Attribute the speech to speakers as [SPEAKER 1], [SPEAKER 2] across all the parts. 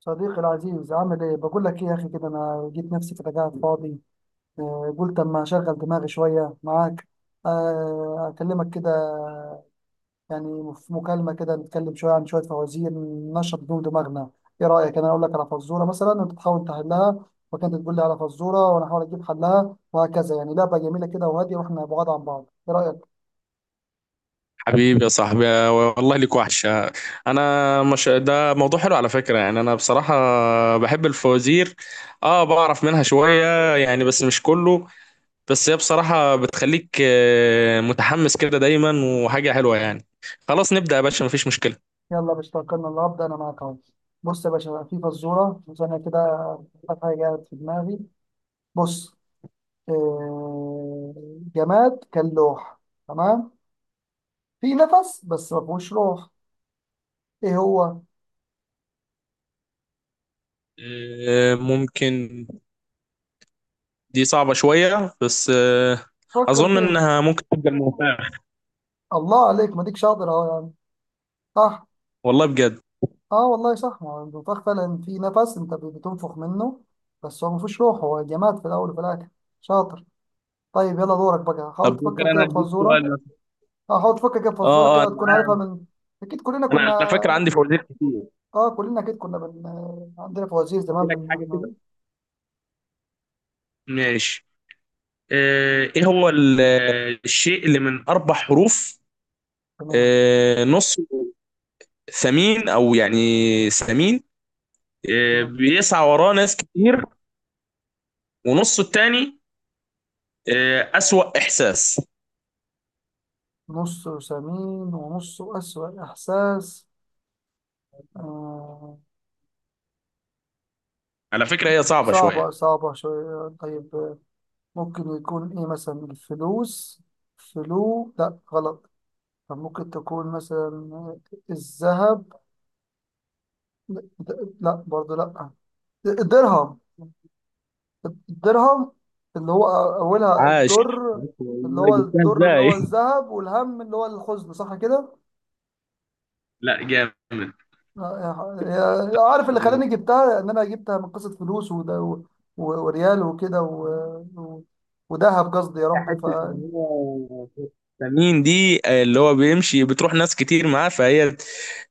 [SPEAKER 1] صديقي العزيز، عامل ايه؟ بقول لك ايه يا اخي، كده انا جيت نفسي كده قاعد فاضي. قلت اما اشغل دماغي شويه معاك. اكلمك كده. يعني في مكالمه كده نتكلم شويه عن شويه فوازير ننشط بيهم دماغنا. ايه رايك انا اقول لك على فزوره مثلا وانت تحاول تحلها، وكانت تقول لي على فزوره وانا احاول اجيب حلها وهكذا. يعني لعبه جميله كده وهاديه واحنا بعاد عن بعض، ايه رايك؟
[SPEAKER 2] حبيبي يا صاحبي، والله ليك وحشة. أنا مش ده موضوع حلو على فكرة، يعني أنا بصراحة بحب الفوازير. أه بعرف منها شوية يعني، بس مش كله. بس هي بصراحة بتخليك متحمس كده دايما، وحاجة حلوة يعني. خلاص نبدأ يا باشا، مفيش مشكلة.
[SPEAKER 1] يلا مش توكلنا الله، ابدا انا معاك اهو. بص يا باشا، في فزوره ثانيه كده، حاجه جت في دماغي. بص. آه، جماد كان لوح، تمام، في نفس بس ما فيهوش روح، ايه هو؟
[SPEAKER 2] ممكن. دي صعبة شوية بس
[SPEAKER 1] فكر
[SPEAKER 2] أظن
[SPEAKER 1] فيه.
[SPEAKER 2] إنها ممكن تبقى الممتعة.
[SPEAKER 1] الله عليك، ما ديك شاطر اهو يعني. صح.
[SPEAKER 2] والله بجد.
[SPEAKER 1] اه والله صح، ما هو النفاخ فعلا في نفس انت بتنفخ منه، بس هو ما فيهوش روح، هو جماد في الاول وفي الاخر. شاطر. طيب يلا دورك بقى،
[SPEAKER 2] طب
[SPEAKER 1] حاول
[SPEAKER 2] ممكن
[SPEAKER 1] تفكر
[SPEAKER 2] أنا
[SPEAKER 1] كده في
[SPEAKER 2] أديك
[SPEAKER 1] فزوره.
[SPEAKER 2] سؤال مثلا.
[SPEAKER 1] اه حاول تفكر كده في فزوره
[SPEAKER 2] أه أه
[SPEAKER 1] كده
[SPEAKER 2] أنا
[SPEAKER 1] تكون عارفها
[SPEAKER 2] معاك.
[SPEAKER 1] من. اكيد كلنا
[SPEAKER 2] أنا
[SPEAKER 1] كنا.
[SPEAKER 2] على فكرة عندي فوازير كتير.
[SPEAKER 1] اه كلنا اكيد كنا عندنا فوازير
[SPEAKER 2] أدي
[SPEAKER 1] زمان
[SPEAKER 2] لك حاجة
[SPEAKER 1] احنا.
[SPEAKER 2] كده. ماشي. ايه هو الشيء اللي من اربع حروف؟
[SPEAKER 1] تمام.
[SPEAKER 2] نص ثمين او يعني ثمين،
[SPEAKER 1] تمام.
[SPEAKER 2] بيسعى وراه ناس كتير. ونصه التاني اسوأ احساس.
[SPEAKER 1] نصه سمين ونصه أسوأ إحساس. آه.
[SPEAKER 2] على فكرة هي صعبة شوية.
[SPEAKER 1] صعبة، صعبة شوية طيب. ممكن يكون إيه مثلا؟ الفلوس؟ فلو، لا غلط. طب ممكن تكون مثلا الذهب؟ لا برضه لا. الدرهم. الدرهم، اللي هو أولها
[SPEAKER 2] عاش.
[SPEAKER 1] الدر. اللي
[SPEAKER 2] والله
[SPEAKER 1] هو
[SPEAKER 2] جبتها
[SPEAKER 1] الدر اللي
[SPEAKER 2] ازاي؟
[SPEAKER 1] هو الذهب، والهم اللي هو الحزن، صح كده؟
[SPEAKER 2] لا جامد.
[SPEAKER 1] آه، عارف اللي خلاني جبتها؟ ان انا جبتها من قصه فلوس وده وريال وكده وذهب قصدي
[SPEAKER 2] هي
[SPEAKER 1] يا ربي ف.
[SPEAKER 2] حتة إن هي ثمين دي اللي هو بيمشي بتروح ناس كتير معاه، فهي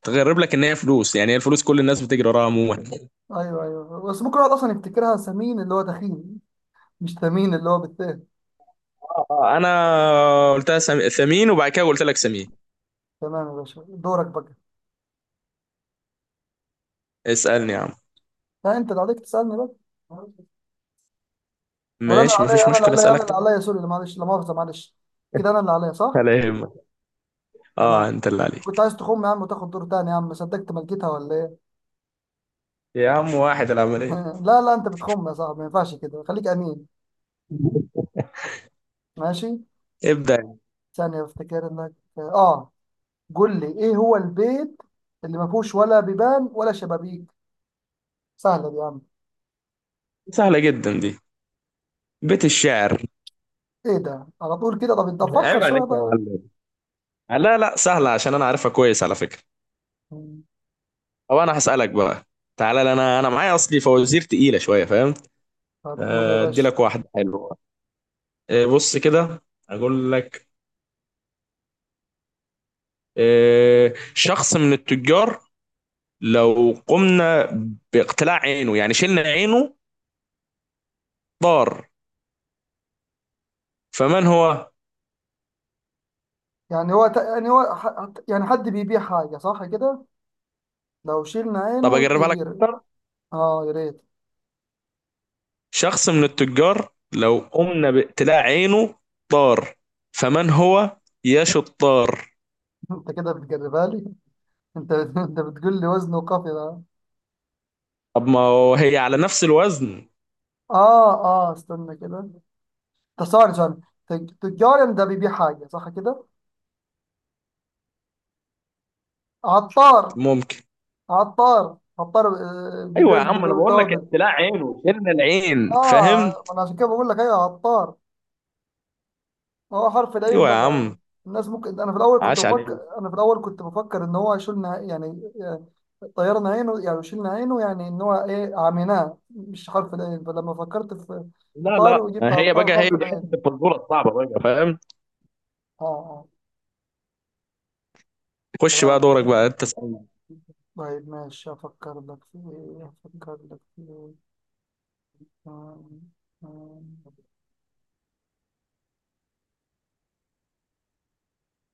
[SPEAKER 2] تغرب لك ان هي فلوس، يعني هي الفلوس كل الناس بتجري وراها عموما.
[SPEAKER 1] ايوه ايوه، بس ممكن الواحد اصلا يفتكرها سمين اللي هو دخيل، مش ثمين اللي هو بالتاء.
[SPEAKER 2] انا قلتها ثمين وبعد كده قلت لك سمين.
[SPEAKER 1] تمام يا باشا، دورك بقى.
[SPEAKER 2] اسالني يا عم.
[SPEAKER 1] لا انت اللي عليك تسالني بقى. ولا انا
[SPEAKER 2] ماشي
[SPEAKER 1] اللي عليا،
[SPEAKER 2] مفيش
[SPEAKER 1] انا اللي
[SPEAKER 2] مشكله،
[SPEAKER 1] عليا، انا
[SPEAKER 2] اسالك
[SPEAKER 1] اللي
[SPEAKER 2] تاني.
[SPEAKER 1] عليا، سوري، لا معلش، لا مؤاخذه معلش، كده انا اللي عليا صح.
[SPEAKER 2] ولا يهمك، اه
[SPEAKER 1] تمام.
[SPEAKER 2] انت اللي
[SPEAKER 1] كنت
[SPEAKER 2] عليك.
[SPEAKER 1] عايز تخم يا عم وتاخد دور تاني يا عم، صدقت ملكتها ولا ايه؟
[SPEAKER 2] يا عم واحد العمليه.
[SPEAKER 1] لا لا، انت بتخم يا صاحبي، ما ينفعش كده، خليك امين. ماشي.
[SPEAKER 2] ابدا يا عم.
[SPEAKER 1] ثانية افتكر انك. اه. قول لي، ايه هو البيت اللي ما فيهوش ولا بيبان ولا شبابيك؟ سهلة دي يا عم؟
[SPEAKER 2] سهله جدا دي، بيت الشعر.
[SPEAKER 1] ايه ده على طول كده؟ طب انت فكر
[SPEAKER 2] عيب
[SPEAKER 1] شوية
[SPEAKER 2] عليك يا
[SPEAKER 1] طيب.
[SPEAKER 2] معلم. لا لا سهله عشان انا عارفها كويس على فكره.
[SPEAKER 1] مم.
[SPEAKER 2] او انا هسالك بقى. تعالى، لا انا معايا اصلي فوازير تقيله شويه، فاهم؟
[SPEAKER 1] هتقول يا
[SPEAKER 2] ادي
[SPEAKER 1] باشا؟
[SPEAKER 2] لك واحده حلوه. بص كده، اقول لك. شخص من التجار لو قمنا باقتلاع عينه، يعني شلنا عينه، ضار. فمن هو؟
[SPEAKER 1] يعني هو يعني هو يعني حد بيبيع حاجة صح كده؟ لو شيلنا عينه
[SPEAKER 2] طب اقربها لك
[SPEAKER 1] ويطير.
[SPEAKER 2] اكتر.
[SPEAKER 1] اه يا ريت.
[SPEAKER 2] شخص من التجار لو قمنا باقتلاع عينه ضار، فمن هو يا شطار؟
[SPEAKER 1] انت كده بتجربها لي؟ انت انت بتقول لي وزنه وقافي ده.
[SPEAKER 2] طب ما هو هي على نفس الوزن.
[SPEAKER 1] اه، اه استنى كده. ده ثواني، ثواني. تجار ده بيبيع حاجة صح كده. عطار.
[SPEAKER 2] ممكن.
[SPEAKER 1] عطار، عطار. بيبيع
[SPEAKER 2] ايوه يا عم انا بقول لك
[SPEAKER 1] التوابل.
[SPEAKER 2] اقتلاع عينه، شلنا العين، فاهم؟
[SPEAKER 1] اه ما انا عشان كده بقول لك ايوه عطار. هو حرف العين
[SPEAKER 2] ايوه يا
[SPEAKER 1] بقى.
[SPEAKER 2] عم.
[SPEAKER 1] الناس ممكن، انا في الاول كنت
[SPEAKER 2] عاش عليك.
[SPEAKER 1] بفكر، انا في الاول كنت بفكر ان هو شلنا يعني يعني طيرنا عينه، يعني شلنا عينه، يعني ان هو ايه عميناه، مش حرف العين، فلما فكرت في في
[SPEAKER 2] لا
[SPEAKER 1] طار
[SPEAKER 2] لا.
[SPEAKER 1] وجبت
[SPEAKER 2] هي
[SPEAKER 1] عطار
[SPEAKER 2] بقى هي
[SPEAKER 1] حرف
[SPEAKER 2] دي حته
[SPEAKER 1] العين.
[SPEAKER 2] الفزوره الصعبه بقى، فاهم؟
[SPEAKER 1] اه اه.
[SPEAKER 2] خش بقى
[SPEAKER 1] تمام.
[SPEAKER 2] دورك بقى، انت اسألني.
[SPEAKER 1] طيب ماشي، افكر لك في ايه؟ افكر لك في ايه؟ آم، آم،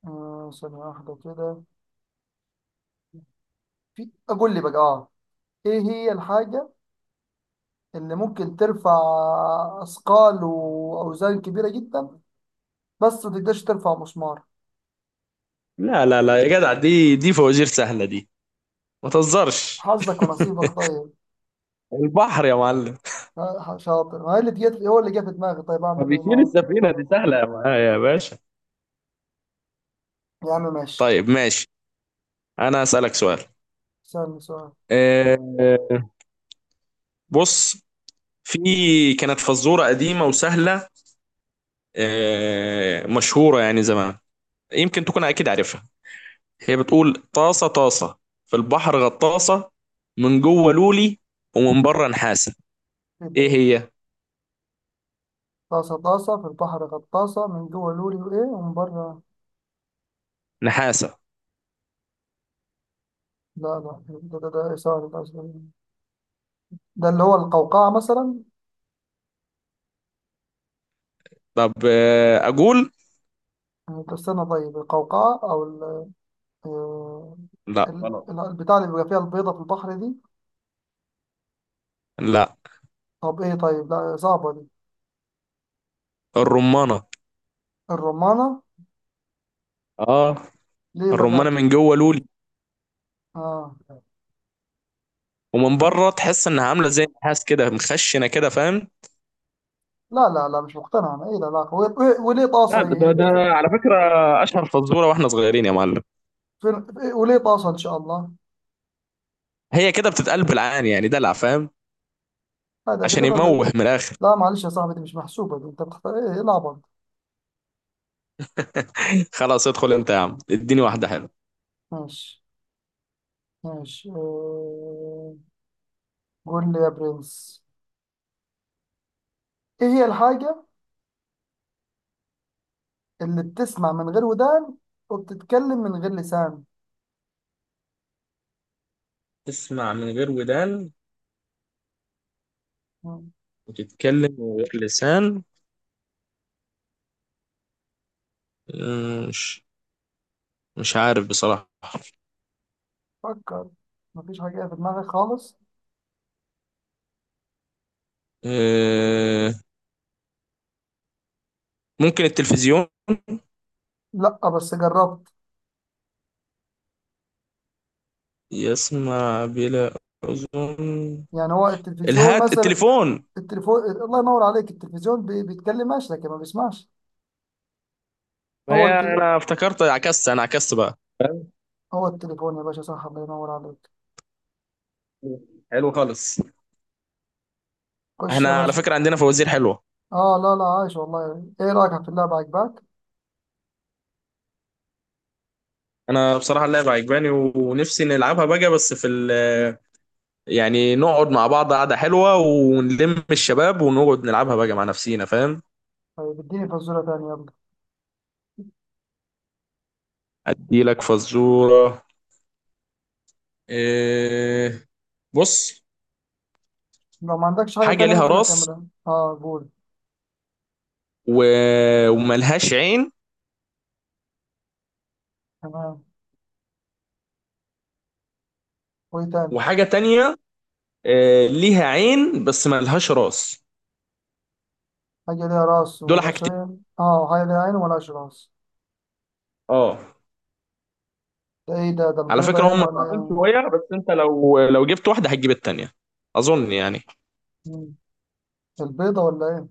[SPEAKER 1] ثانية واحدة كده. في أقول لي بقى آه. ايه هي الحاجة اللي ممكن ترفع اثقال واوزان كبيرة جدا بس ما تقدرش ترفع مسمار؟
[SPEAKER 2] لا يا جدع، دي فوازير سهله دي، ما تهزرش.
[SPEAKER 1] حظك ونصيبك طيب.
[SPEAKER 2] البحر يا معلم.
[SPEAKER 1] شاطر، ما هي اللي جت هو اللي جه في دماغي، طيب
[SPEAKER 2] ما
[SPEAKER 1] اعمل ايه
[SPEAKER 2] بيشيل
[SPEAKER 1] ما.
[SPEAKER 2] السفينة، دي سهلة يا معايا يا باشا.
[SPEAKER 1] يا عم ماشي.
[SPEAKER 2] طيب ماشي، انا هسألك سؤال.
[SPEAKER 1] سألني سؤال.
[SPEAKER 2] آه، بص، في كانت فزورة قديمة وسهلة، مشهورة يعني زمان، يمكن تكون أكيد عارفها. هي بتقول: طاسة طاسة في البحر غطاسة، من جوه لولي ومن بره نحاسة.
[SPEAKER 1] ايه ده؟
[SPEAKER 2] إيه
[SPEAKER 1] ايه ده؟
[SPEAKER 2] هي؟
[SPEAKER 1] طاسة طاسة في البحر غطاسة من جوه لوري وايه ومن بره؟
[SPEAKER 2] نحاسة.
[SPEAKER 1] لا لا، ده ده ده إيه؟ سؤال، ده سؤال. ده اللي هو القوقعة مثلا.
[SPEAKER 2] طب أقول؟
[SPEAKER 1] طب استنى طيب، القوقعة او آه،
[SPEAKER 2] لا غلط.
[SPEAKER 1] البتاع اللي بيبقى فيها البيضة في البحر دي.
[SPEAKER 2] لا
[SPEAKER 1] طب ايه؟ طيب لا صعبة دي.
[SPEAKER 2] الرمانة.
[SPEAKER 1] الرمانة.
[SPEAKER 2] آه،
[SPEAKER 1] ليه
[SPEAKER 2] الرمانة
[SPEAKER 1] بقى؟
[SPEAKER 2] من جوه لولي
[SPEAKER 1] اه.
[SPEAKER 2] ومن بره تحس انها عامله زي النحاس كده، مخشنه كده، فاهم؟
[SPEAKER 1] لا لا لا، مش مقتنع انا. ايه ده؟ لا، وليه
[SPEAKER 2] لا
[SPEAKER 1] طاسة؟
[SPEAKER 2] ده ده على فكره اشهر فزوره واحنا صغيرين يا معلم.
[SPEAKER 1] فين- وليه طاسة ان شاء الله؟
[SPEAKER 2] هي كده بتتقال بالعان يعني دلع، فاهم؟
[SPEAKER 1] هذا
[SPEAKER 2] عشان
[SPEAKER 1] كده ده ده.
[SPEAKER 2] يموه من الاخر.
[SPEAKER 1] لا معلش يا صاحبي، دي مش محسوبة دي، انت بتختار ايه؟ ايه العبط؟
[SPEAKER 2] خلاص ادخل انت يا عم، اديني واحده حلوه.
[SPEAKER 1] ماشي. ماشي. قول لي يا برنس. ايه هي الحاجة اللي بتسمع من غير ودان وبتتكلم من غير لسان؟
[SPEAKER 2] تسمع من غير ودان
[SPEAKER 1] مم.
[SPEAKER 2] وتتكلم من غير لسان؟ أمم، مش مش عارف بصراحه.
[SPEAKER 1] فكر. مفيش حاجة في دماغك خالص؟
[SPEAKER 2] أه، ممكن التلفزيون،
[SPEAKER 1] لا بس جربت.
[SPEAKER 2] يسمع بلا اذن.
[SPEAKER 1] يعني هو التلفزيون
[SPEAKER 2] الهات،
[SPEAKER 1] مثلا؟
[SPEAKER 2] التليفون.
[SPEAKER 1] التليفون الله ينور عليك. التلفزيون بيتكلمش لكن ما بيسمعش. هو
[SPEAKER 2] هي انا افتكرت، عكست، انا عكست بقى.
[SPEAKER 1] هو التليفون يا باشا، صح الله ينور عليك.
[SPEAKER 2] حلو خالص.
[SPEAKER 1] خش يا
[SPEAKER 2] احنا على
[SPEAKER 1] باشا.
[SPEAKER 2] فكرة عندنا فوازير حلوة.
[SPEAKER 1] اه لا لا، عايش والله. ايه رأيك في اللعبة؟ عجباك؟
[SPEAKER 2] انا بصراحة اللعبة عجباني، ونفسي نلعبها بقى، بس في ال يعني نقعد مع بعض قعدة حلوة ونلم الشباب ونقعد نلعبها بقى مع نفسينا، فاهم؟
[SPEAKER 1] طيب اديني فزورة تانية يلا.
[SPEAKER 2] ادي لك فزورة. إيه؟ بص،
[SPEAKER 1] لو ما عندكش حاجة
[SPEAKER 2] حاجة
[SPEAKER 1] تانية
[SPEAKER 2] ليها
[SPEAKER 1] ممكن
[SPEAKER 2] راس
[SPEAKER 1] اكملها، اه قول.
[SPEAKER 2] و... وملهاش عين.
[SPEAKER 1] تمام. وايه تاني؟
[SPEAKER 2] وحاجة تانية إيه، ليها عين بس ملهاش راس.
[SPEAKER 1] حاجة ليها راس
[SPEAKER 2] دول
[SPEAKER 1] ولا
[SPEAKER 2] حاجتين،
[SPEAKER 1] شيء، اه حاجة ليها عين ولاش راس.
[SPEAKER 2] اه.
[SPEAKER 1] ده ايه ده؟ ده
[SPEAKER 2] على
[SPEAKER 1] البيضة
[SPEAKER 2] فكرة
[SPEAKER 1] يعني
[SPEAKER 2] هم
[SPEAKER 1] ولا
[SPEAKER 2] صعبين
[SPEAKER 1] ايه؟
[SPEAKER 2] شوية، بس انت لو جبت واحدة هتجيب التانية، اظن يعني.
[SPEAKER 1] مم. البيضة ولا ايه؟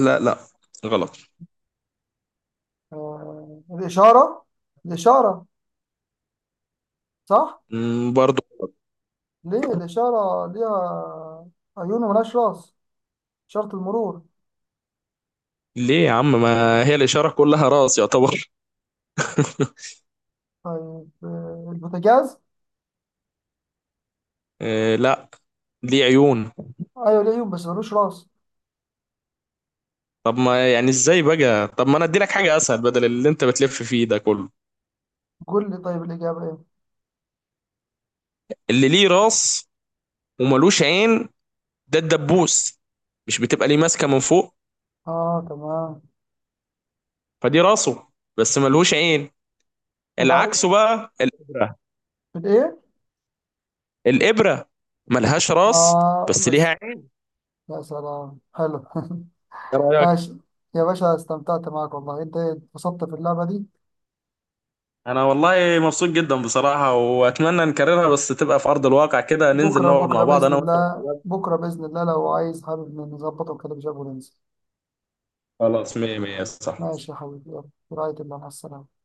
[SPEAKER 2] لا لا غلط.
[SPEAKER 1] آه الإشارة. الإشارة. صح.
[SPEAKER 2] مم، برضو.
[SPEAKER 1] ليه الإشارة ليها عيون وملهاش راس؟ إشارة المرور.
[SPEAKER 2] ليه يا عم، ما هي الإشارة كلها راس يعتبر.
[SPEAKER 1] طيب. البوتاجاز.
[SPEAKER 2] إيه لا، دي عيون.
[SPEAKER 1] أيوة، ليه عيون بس ملوش راس.
[SPEAKER 2] طب ما يعني ازاي بقى، طب ما انا اديلك حاجة اسهل بدل اللي انت بتلف فيه ده كله.
[SPEAKER 1] قول لي طيب الإجابة إيه؟
[SPEAKER 2] اللي ليه راس وملوش عين، ده الدبوس، مش بتبقى ليه ماسكة من فوق؟
[SPEAKER 1] آه تمام.
[SPEAKER 2] فدي راسه بس ملوش عين.
[SPEAKER 1] ولا.
[SPEAKER 2] العكس بقى، الإبرة.
[SPEAKER 1] الإيه؟
[SPEAKER 2] الإبرة ملهاش راس
[SPEAKER 1] آه
[SPEAKER 2] بس
[SPEAKER 1] بس.
[SPEAKER 2] ليها عين.
[SPEAKER 1] يا سلام حلو
[SPEAKER 2] ايه رأيك؟
[SPEAKER 1] ماشي. يا باشا استمتعت معاك والله، أنت اتبسطت في اللعبة دي.
[SPEAKER 2] انا والله مبسوط جدا بصراحة، واتمنى نكررها بس تبقى في ارض الواقع كده، ننزل
[SPEAKER 1] بكرة
[SPEAKER 2] نقعد مع
[SPEAKER 1] بكرة
[SPEAKER 2] بعض
[SPEAKER 1] بإذن
[SPEAKER 2] انا وانت
[SPEAKER 1] الله،
[SPEAKER 2] والشباب.
[SPEAKER 1] بكرة بإذن الله لو عايز، حابب نظبطه كده بجد وننزل.
[SPEAKER 2] خلاص، مية مية، صح.
[SPEAKER 1] ماشي يا حبيبي، يلا برعاية الله، مع السلامة.